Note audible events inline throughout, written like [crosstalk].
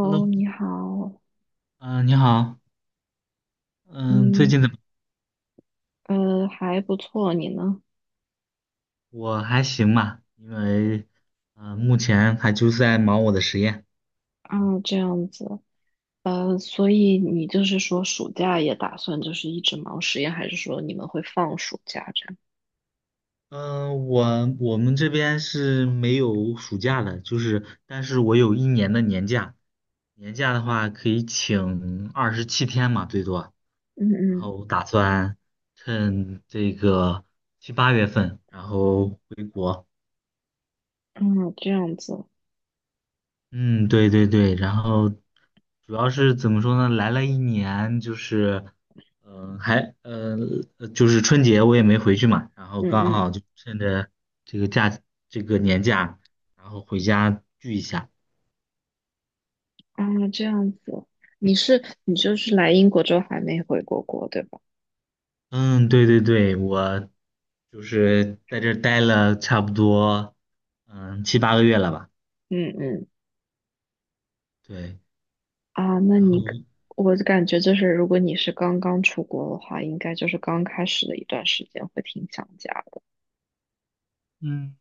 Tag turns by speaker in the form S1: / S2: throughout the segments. S1: Hello，
S2: 你好，
S1: 嗯、你好，嗯、最
S2: 你
S1: 近怎么？
S2: 还不错，你呢？
S1: 我还行吧，因为，目前还就是在忙我的实验。嗯，
S2: 啊，这样子。所以你就是说暑假也打算就是一直忙实验，还是说你们会放暑假这样？
S1: 呃我我们这边是没有暑假的，就是，但是我有一年的年假，年假的话可以请27天嘛，最多。然
S2: 嗯
S1: 后打算趁这个七八月份，然后回国。
S2: 嗯。啊，这样子。
S1: 嗯，对对对，然后主要是怎么说呢？来了一年，就是，嗯、还，呃，就是春节我也没回去嘛，然后
S2: 嗯
S1: 刚
S2: 嗯。
S1: 好就趁着这个假，这个年假，然后回家聚一下。
S2: 啊，这样子。你就是来英国之后还没回过国，对吧？
S1: 嗯，对对对，我就是在这儿待了差不多，七八个月了吧？
S2: 嗯嗯。
S1: 对，
S2: 啊，那
S1: 然后，
S2: 你可我感觉就是如果你是刚刚出国的话，应该就是刚开始的一段时间会挺想家的。
S1: 嗯。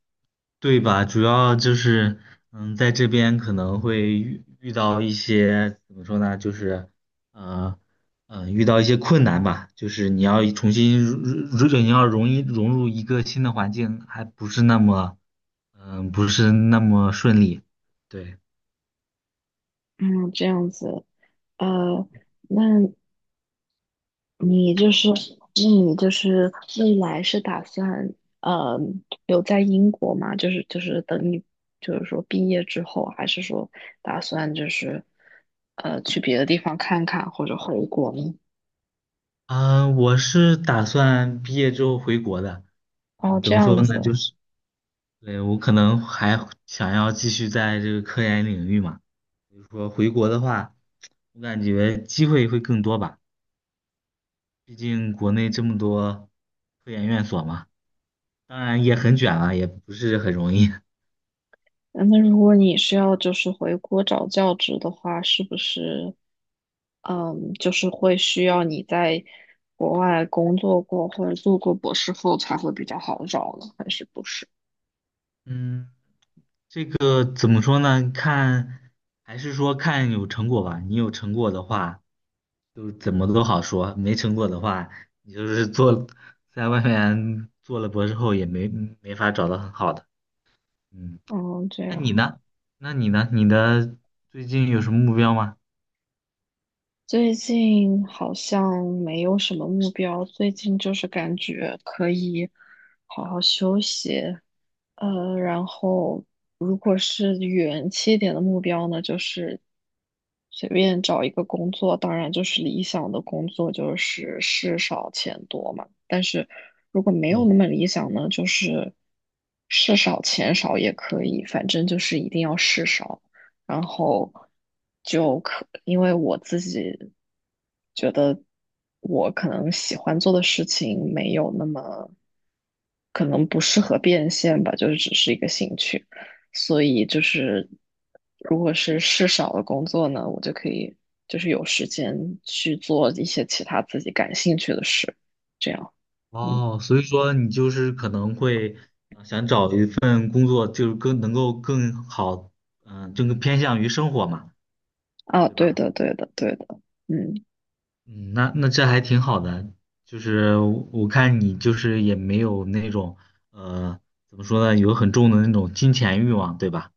S1: 对吧？主要就是，在这边可能会遇到一些怎么说呢？就是，呃，遇到一些困难吧。就是你要重新入，如果你要容易融入一个新的环境，还不是那么，不是那么顺利。对，
S2: 嗯，这样子。呃，那那你就是未来是打算呃留在英国吗？就是等你就是说毕业之后，还是说打算就是去别的地方看看或者回国呢？
S1: 啊，我是打算毕业之后回国的。
S2: 哦，
S1: 怎
S2: 这
S1: 么
S2: 样
S1: 说呢？
S2: 子。
S1: 就是，对，我可能还想要继续在这个科研领域嘛。比如说回国的话，我感觉机会会更多吧，毕竟国内这么多科研院所嘛，当然也很卷啊，也不是很容易。
S2: 嗯那如果你是要就是回国找教职的话，是不是就是会需要你在国外工作过或者做过博士后才会比较好找呢？还是不是？
S1: 嗯，这个怎么说呢？看，还是说看有成果吧。你有成果的话，就怎么都好说；没成果的话，你就是做，在外面做了博士后也没法找到很好的。嗯，
S2: 哦，这
S1: 那你
S2: 样。
S1: 呢？你的最近有什么目标吗？
S2: 最近好像没有什么目标，最近就是感觉可以好好休息。然后如果是远期一点的目标呢，就是随便找一个工作，当然就是理想的工作就是事少钱多嘛。但是如果没有
S1: 哦。
S2: 那么理想呢，就是事少钱少也可以，反正就是一定要事少。然后因为我自己觉得我可能喜欢做的事情没有那么，可能不适合变现吧，就是只是一个兴趣，所以就是如果是事少的工作呢，我就可以就是有时间去做一些其他自己感兴趣的事，这样。嗯，
S1: 哦，所以说你就是可能会想找一份工作，就是更能够更好，就更偏向于生活嘛，
S2: 啊，
S1: 对
S2: 对
S1: 吧？
S2: 的，对的，对的。嗯。
S1: 嗯，那这还挺好的，就是我看你就是也没有那种呃，怎么说呢，有很重的那种金钱欲望，对吧？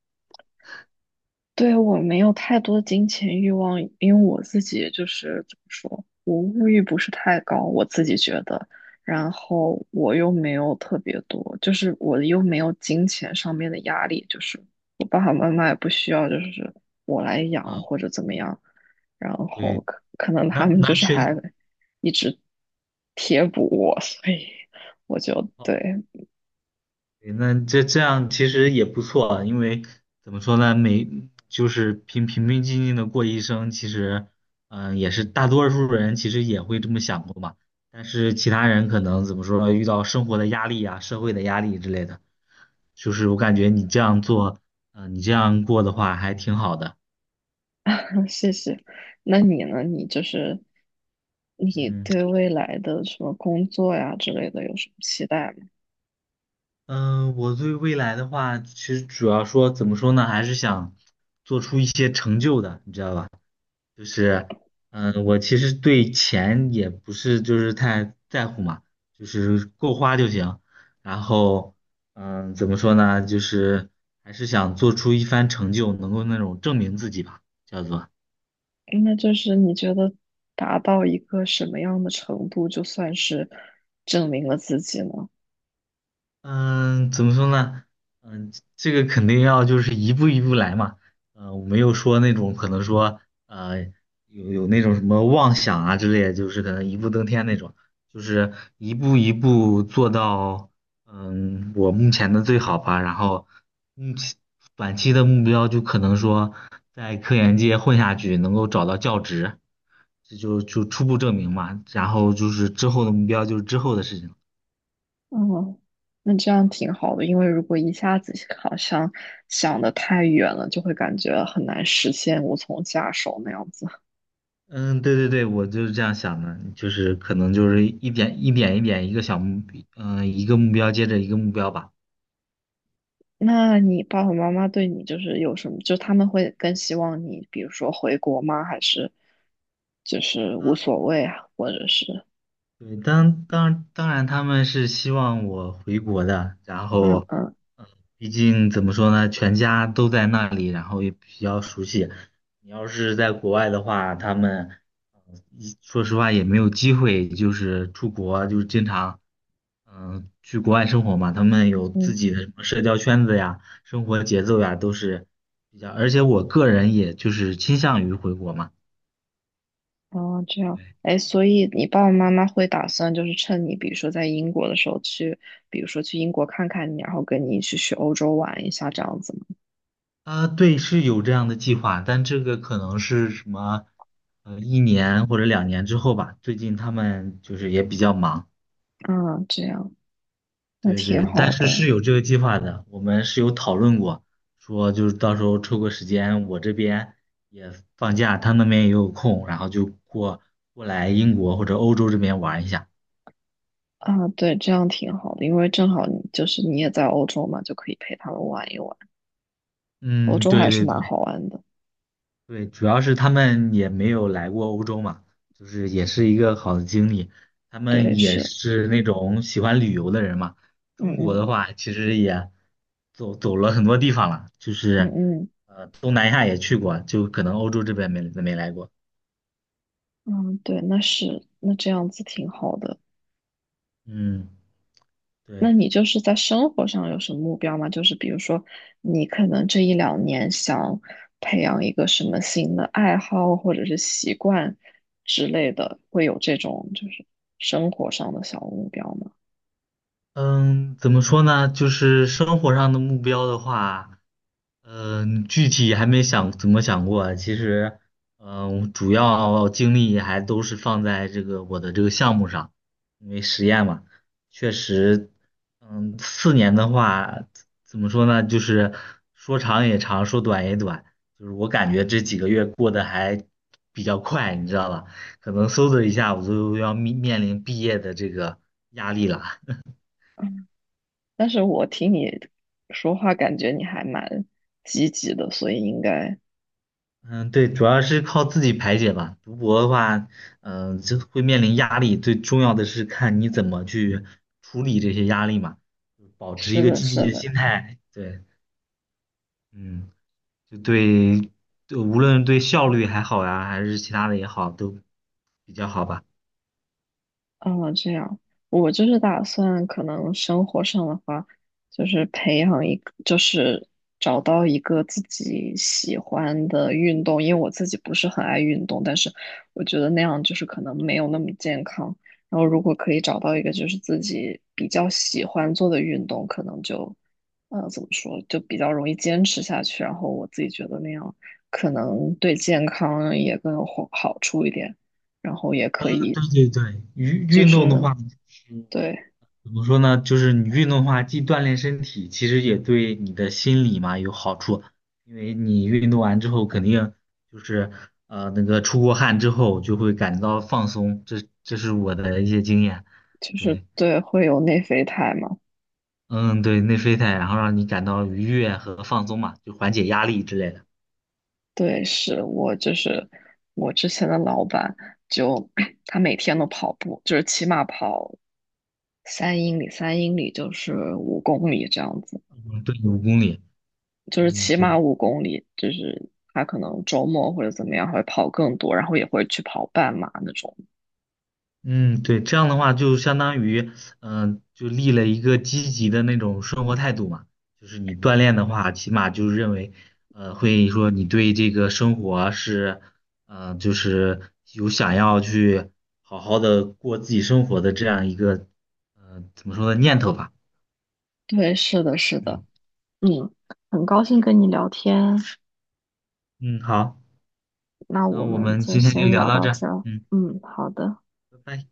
S2: 对，我没有太多金钱欲望，因为我自己就是怎么说，我物欲不是太高，我自己觉得。然后我又没有特别多，就是我又没有金钱上面的压力，就是我爸爸妈妈也不需要，就是我来
S1: 啊，
S2: 养或者怎么样。然后
S1: 对，
S2: 可能他
S1: 那
S2: 们
S1: 那
S2: 就是
S1: 确，
S2: 还一直贴补我，所以我就
S1: 哦
S2: 对。
S1: 对，那这样其实也不错啊，因为怎么说呢，就是平平静静的过一生，其实，也是大多数人其实也会这么想过嘛。但是其他人可能怎么说呢，遇到生活的压力啊、社会的压力之类的，就是我感觉你这样做，你这样过的话还挺好的。
S2: [laughs] 谢谢。那你呢？你就是你
S1: 嗯
S2: 对未来的什么工作呀之类的有什么期待吗？
S1: 我对未来的话，其实主要说怎么说呢，还是想做出一些成就的，你知道吧？就是，我其实对钱也不是就是太在乎嘛，就是够花就行。然后，怎么说呢？就是还是想做出一番成就，能够那种证明自己吧，叫做。
S2: 那就是你觉得达到一个什么样的程度，就算是证明了自己呢？
S1: 嗯，怎么说呢？嗯，这个肯定要就是一步一步来嘛。我没有说那种可能说呃有那种什么妄想啊之类就是可能一步登天那种，就是一步一步做到我目前的最好吧。然后目前短期的目标就可能说在科研界混下去，能够找到教职，这就初步证明嘛。然后就是之后的目标就是之后的事情。
S2: 嗯，那这样挺好的，因为如果一下子好像想的太远了，就会感觉很难实现，无从下手那样子。
S1: 嗯，对对对，我就是这样想的，就是可能就是一点一点一个小目，一个目标接着一个目标吧。
S2: 那你爸爸妈妈对你就是有什么？就他们会更希望你，比如说回国吗？还是就是无
S1: 啊，
S2: 所谓啊？或者是
S1: 对，当然他们是希望我回国的，然
S2: 嗯
S1: 后，
S2: 嗯
S1: 嗯，毕竟怎么说呢，全家都在那里，然后也比较熟悉。你要是在国外的话，他们，一说实话也没有机会，就是出国，就是经常。去国外生活嘛，他们有自
S2: 嗯？
S1: 己的什么社交圈子呀、生活节奏呀，都是比较。而且我个人也就是倾向于回国嘛。
S2: 哦，这样。
S1: 对，
S2: 哎，所以你爸爸妈妈会打算就是趁你，比如说在英国的时候去，比如说去英国看看你，然后跟你一起去欧洲玩一下这样子吗？
S1: 啊，对，是有这样的计划，但这个可能是什么，一年或者2年之后吧。最近他们就是也比较忙。
S2: 啊，这样。那
S1: 对对，
S2: 挺
S1: 但
S2: 好的
S1: 是是有这个计划的，我们是有讨论过，说就是到时候抽个时间，我这边也放假，他那边也有空，然后就过来英国或者欧洲这边玩一下。
S2: 啊。对，这样挺好的，因为正好你就是你也在欧洲嘛，就可以陪他们玩一玩，欧
S1: 嗯，
S2: 洲
S1: 对
S2: 还是
S1: 对对，
S2: 蛮好玩的。
S1: 对，主要是他们也没有来过欧洲嘛，就是也是一个好的经历。他们
S2: 对，
S1: 也
S2: 是。
S1: 是那种喜欢旅游的人嘛。
S2: 嗯
S1: 中国的
S2: 嗯
S1: 话，其实也走了很多地方了，就
S2: 嗯
S1: 是
S2: 嗯
S1: 东南亚也去过，就可能欧洲这边没来过。
S2: 嗯。对，那这样子挺好的。
S1: 嗯，
S2: 那
S1: 对。
S2: 你就是在生活上有什么目标吗？就是比如说，你可能这一两年想培养一个什么新的爱好或者是习惯之类的，会有这种就是生活上的小目标吗？
S1: 嗯，怎么说呢？就是生活上的目标的话，具体还没想怎么想过啊。其实，主要精力还都是放在这个我的这个项目上，因为实验嘛，确实，4年的话，怎么说呢？就是说长也长，说短也短。就是我感觉这几个月过得还比较快，你知道吧？可能嗖的一下，我就要面临毕业的这个压力了。
S2: 但是我听你说话，感觉你还蛮积极的，所以应该
S1: 嗯，对，主要是靠自己排解吧。读博的话，就会面临压力，最重要的是看你怎么去处理这些压力嘛，保持一
S2: 是
S1: 个
S2: 的，
S1: 积极
S2: 是
S1: 的心
S2: 的。
S1: 态。对，嗯，就对，对，无论对效率还好呀，还是其他的也好，都比较好吧。
S2: 哦，这样。我就是打算可能生活上的话，就是培养一个，就是找到一个自己喜欢的运动，因为我自己不是很爱运动，但是我觉得那样就是可能没有那么健康。然后如果可以找到一个就是自己比较喜欢做的运动，可能就，怎么说，就比较容易坚持下去。然后我自己觉得那样可能对健康也更有好处一点。然后也
S1: 嗯
S2: 可以
S1: 对对对，运
S2: 就
S1: 运动的
S2: 是
S1: 话，
S2: 对，
S1: 怎么说呢？就是你运动的话，既锻炼身体，其实也对你的心理嘛有好处。因为你运动完之后，肯定就是那个出过汗之后，就会感觉到放松。这是我的一些经验。
S2: 就是
S1: 对，
S2: 对，会有内啡肽嘛？
S1: 嗯，对，内啡肽，然后让你感到愉悦和放松嘛，就缓解压力之类的。
S2: 对，是我就是我之前的老板就 [coughs] [clears throat] 他每天都跑步，就是起码跑三英里，三英里就是五公里这样子，
S1: 嗯，对，5公里。
S2: 就是
S1: 嗯，
S2: 起
S1: 对。
S2: 码五公里，就是他可能周末或者怎么样会跑更多，然后也会去跑半马那种。
S1: 嗯，对，这样的话就相当于，就立了一个积极的那种生活态度嘛。就是你锻炼的话，起码就是认为，会说你对这个生活是，就是有想要去好好的过自己生活的这样一个，怎么说呢，念头吧。
S2: 对，是的，是的。
S1: 嗯
S2: 嗯，很高兴跟你聊天。
S1: 嗯，好，
S2: 那
S1: 那
S2: 我
S1: 我
S2: 们
S1: 们
S2: 就
S1: 今天就
S2: 先
S1: 聊
S2: 聊
S1: 到
S2: 到
S1: 这儿
S2: 这儿。
S1: 嗯，
S2: 嗯，好的。
S1: 拜拜。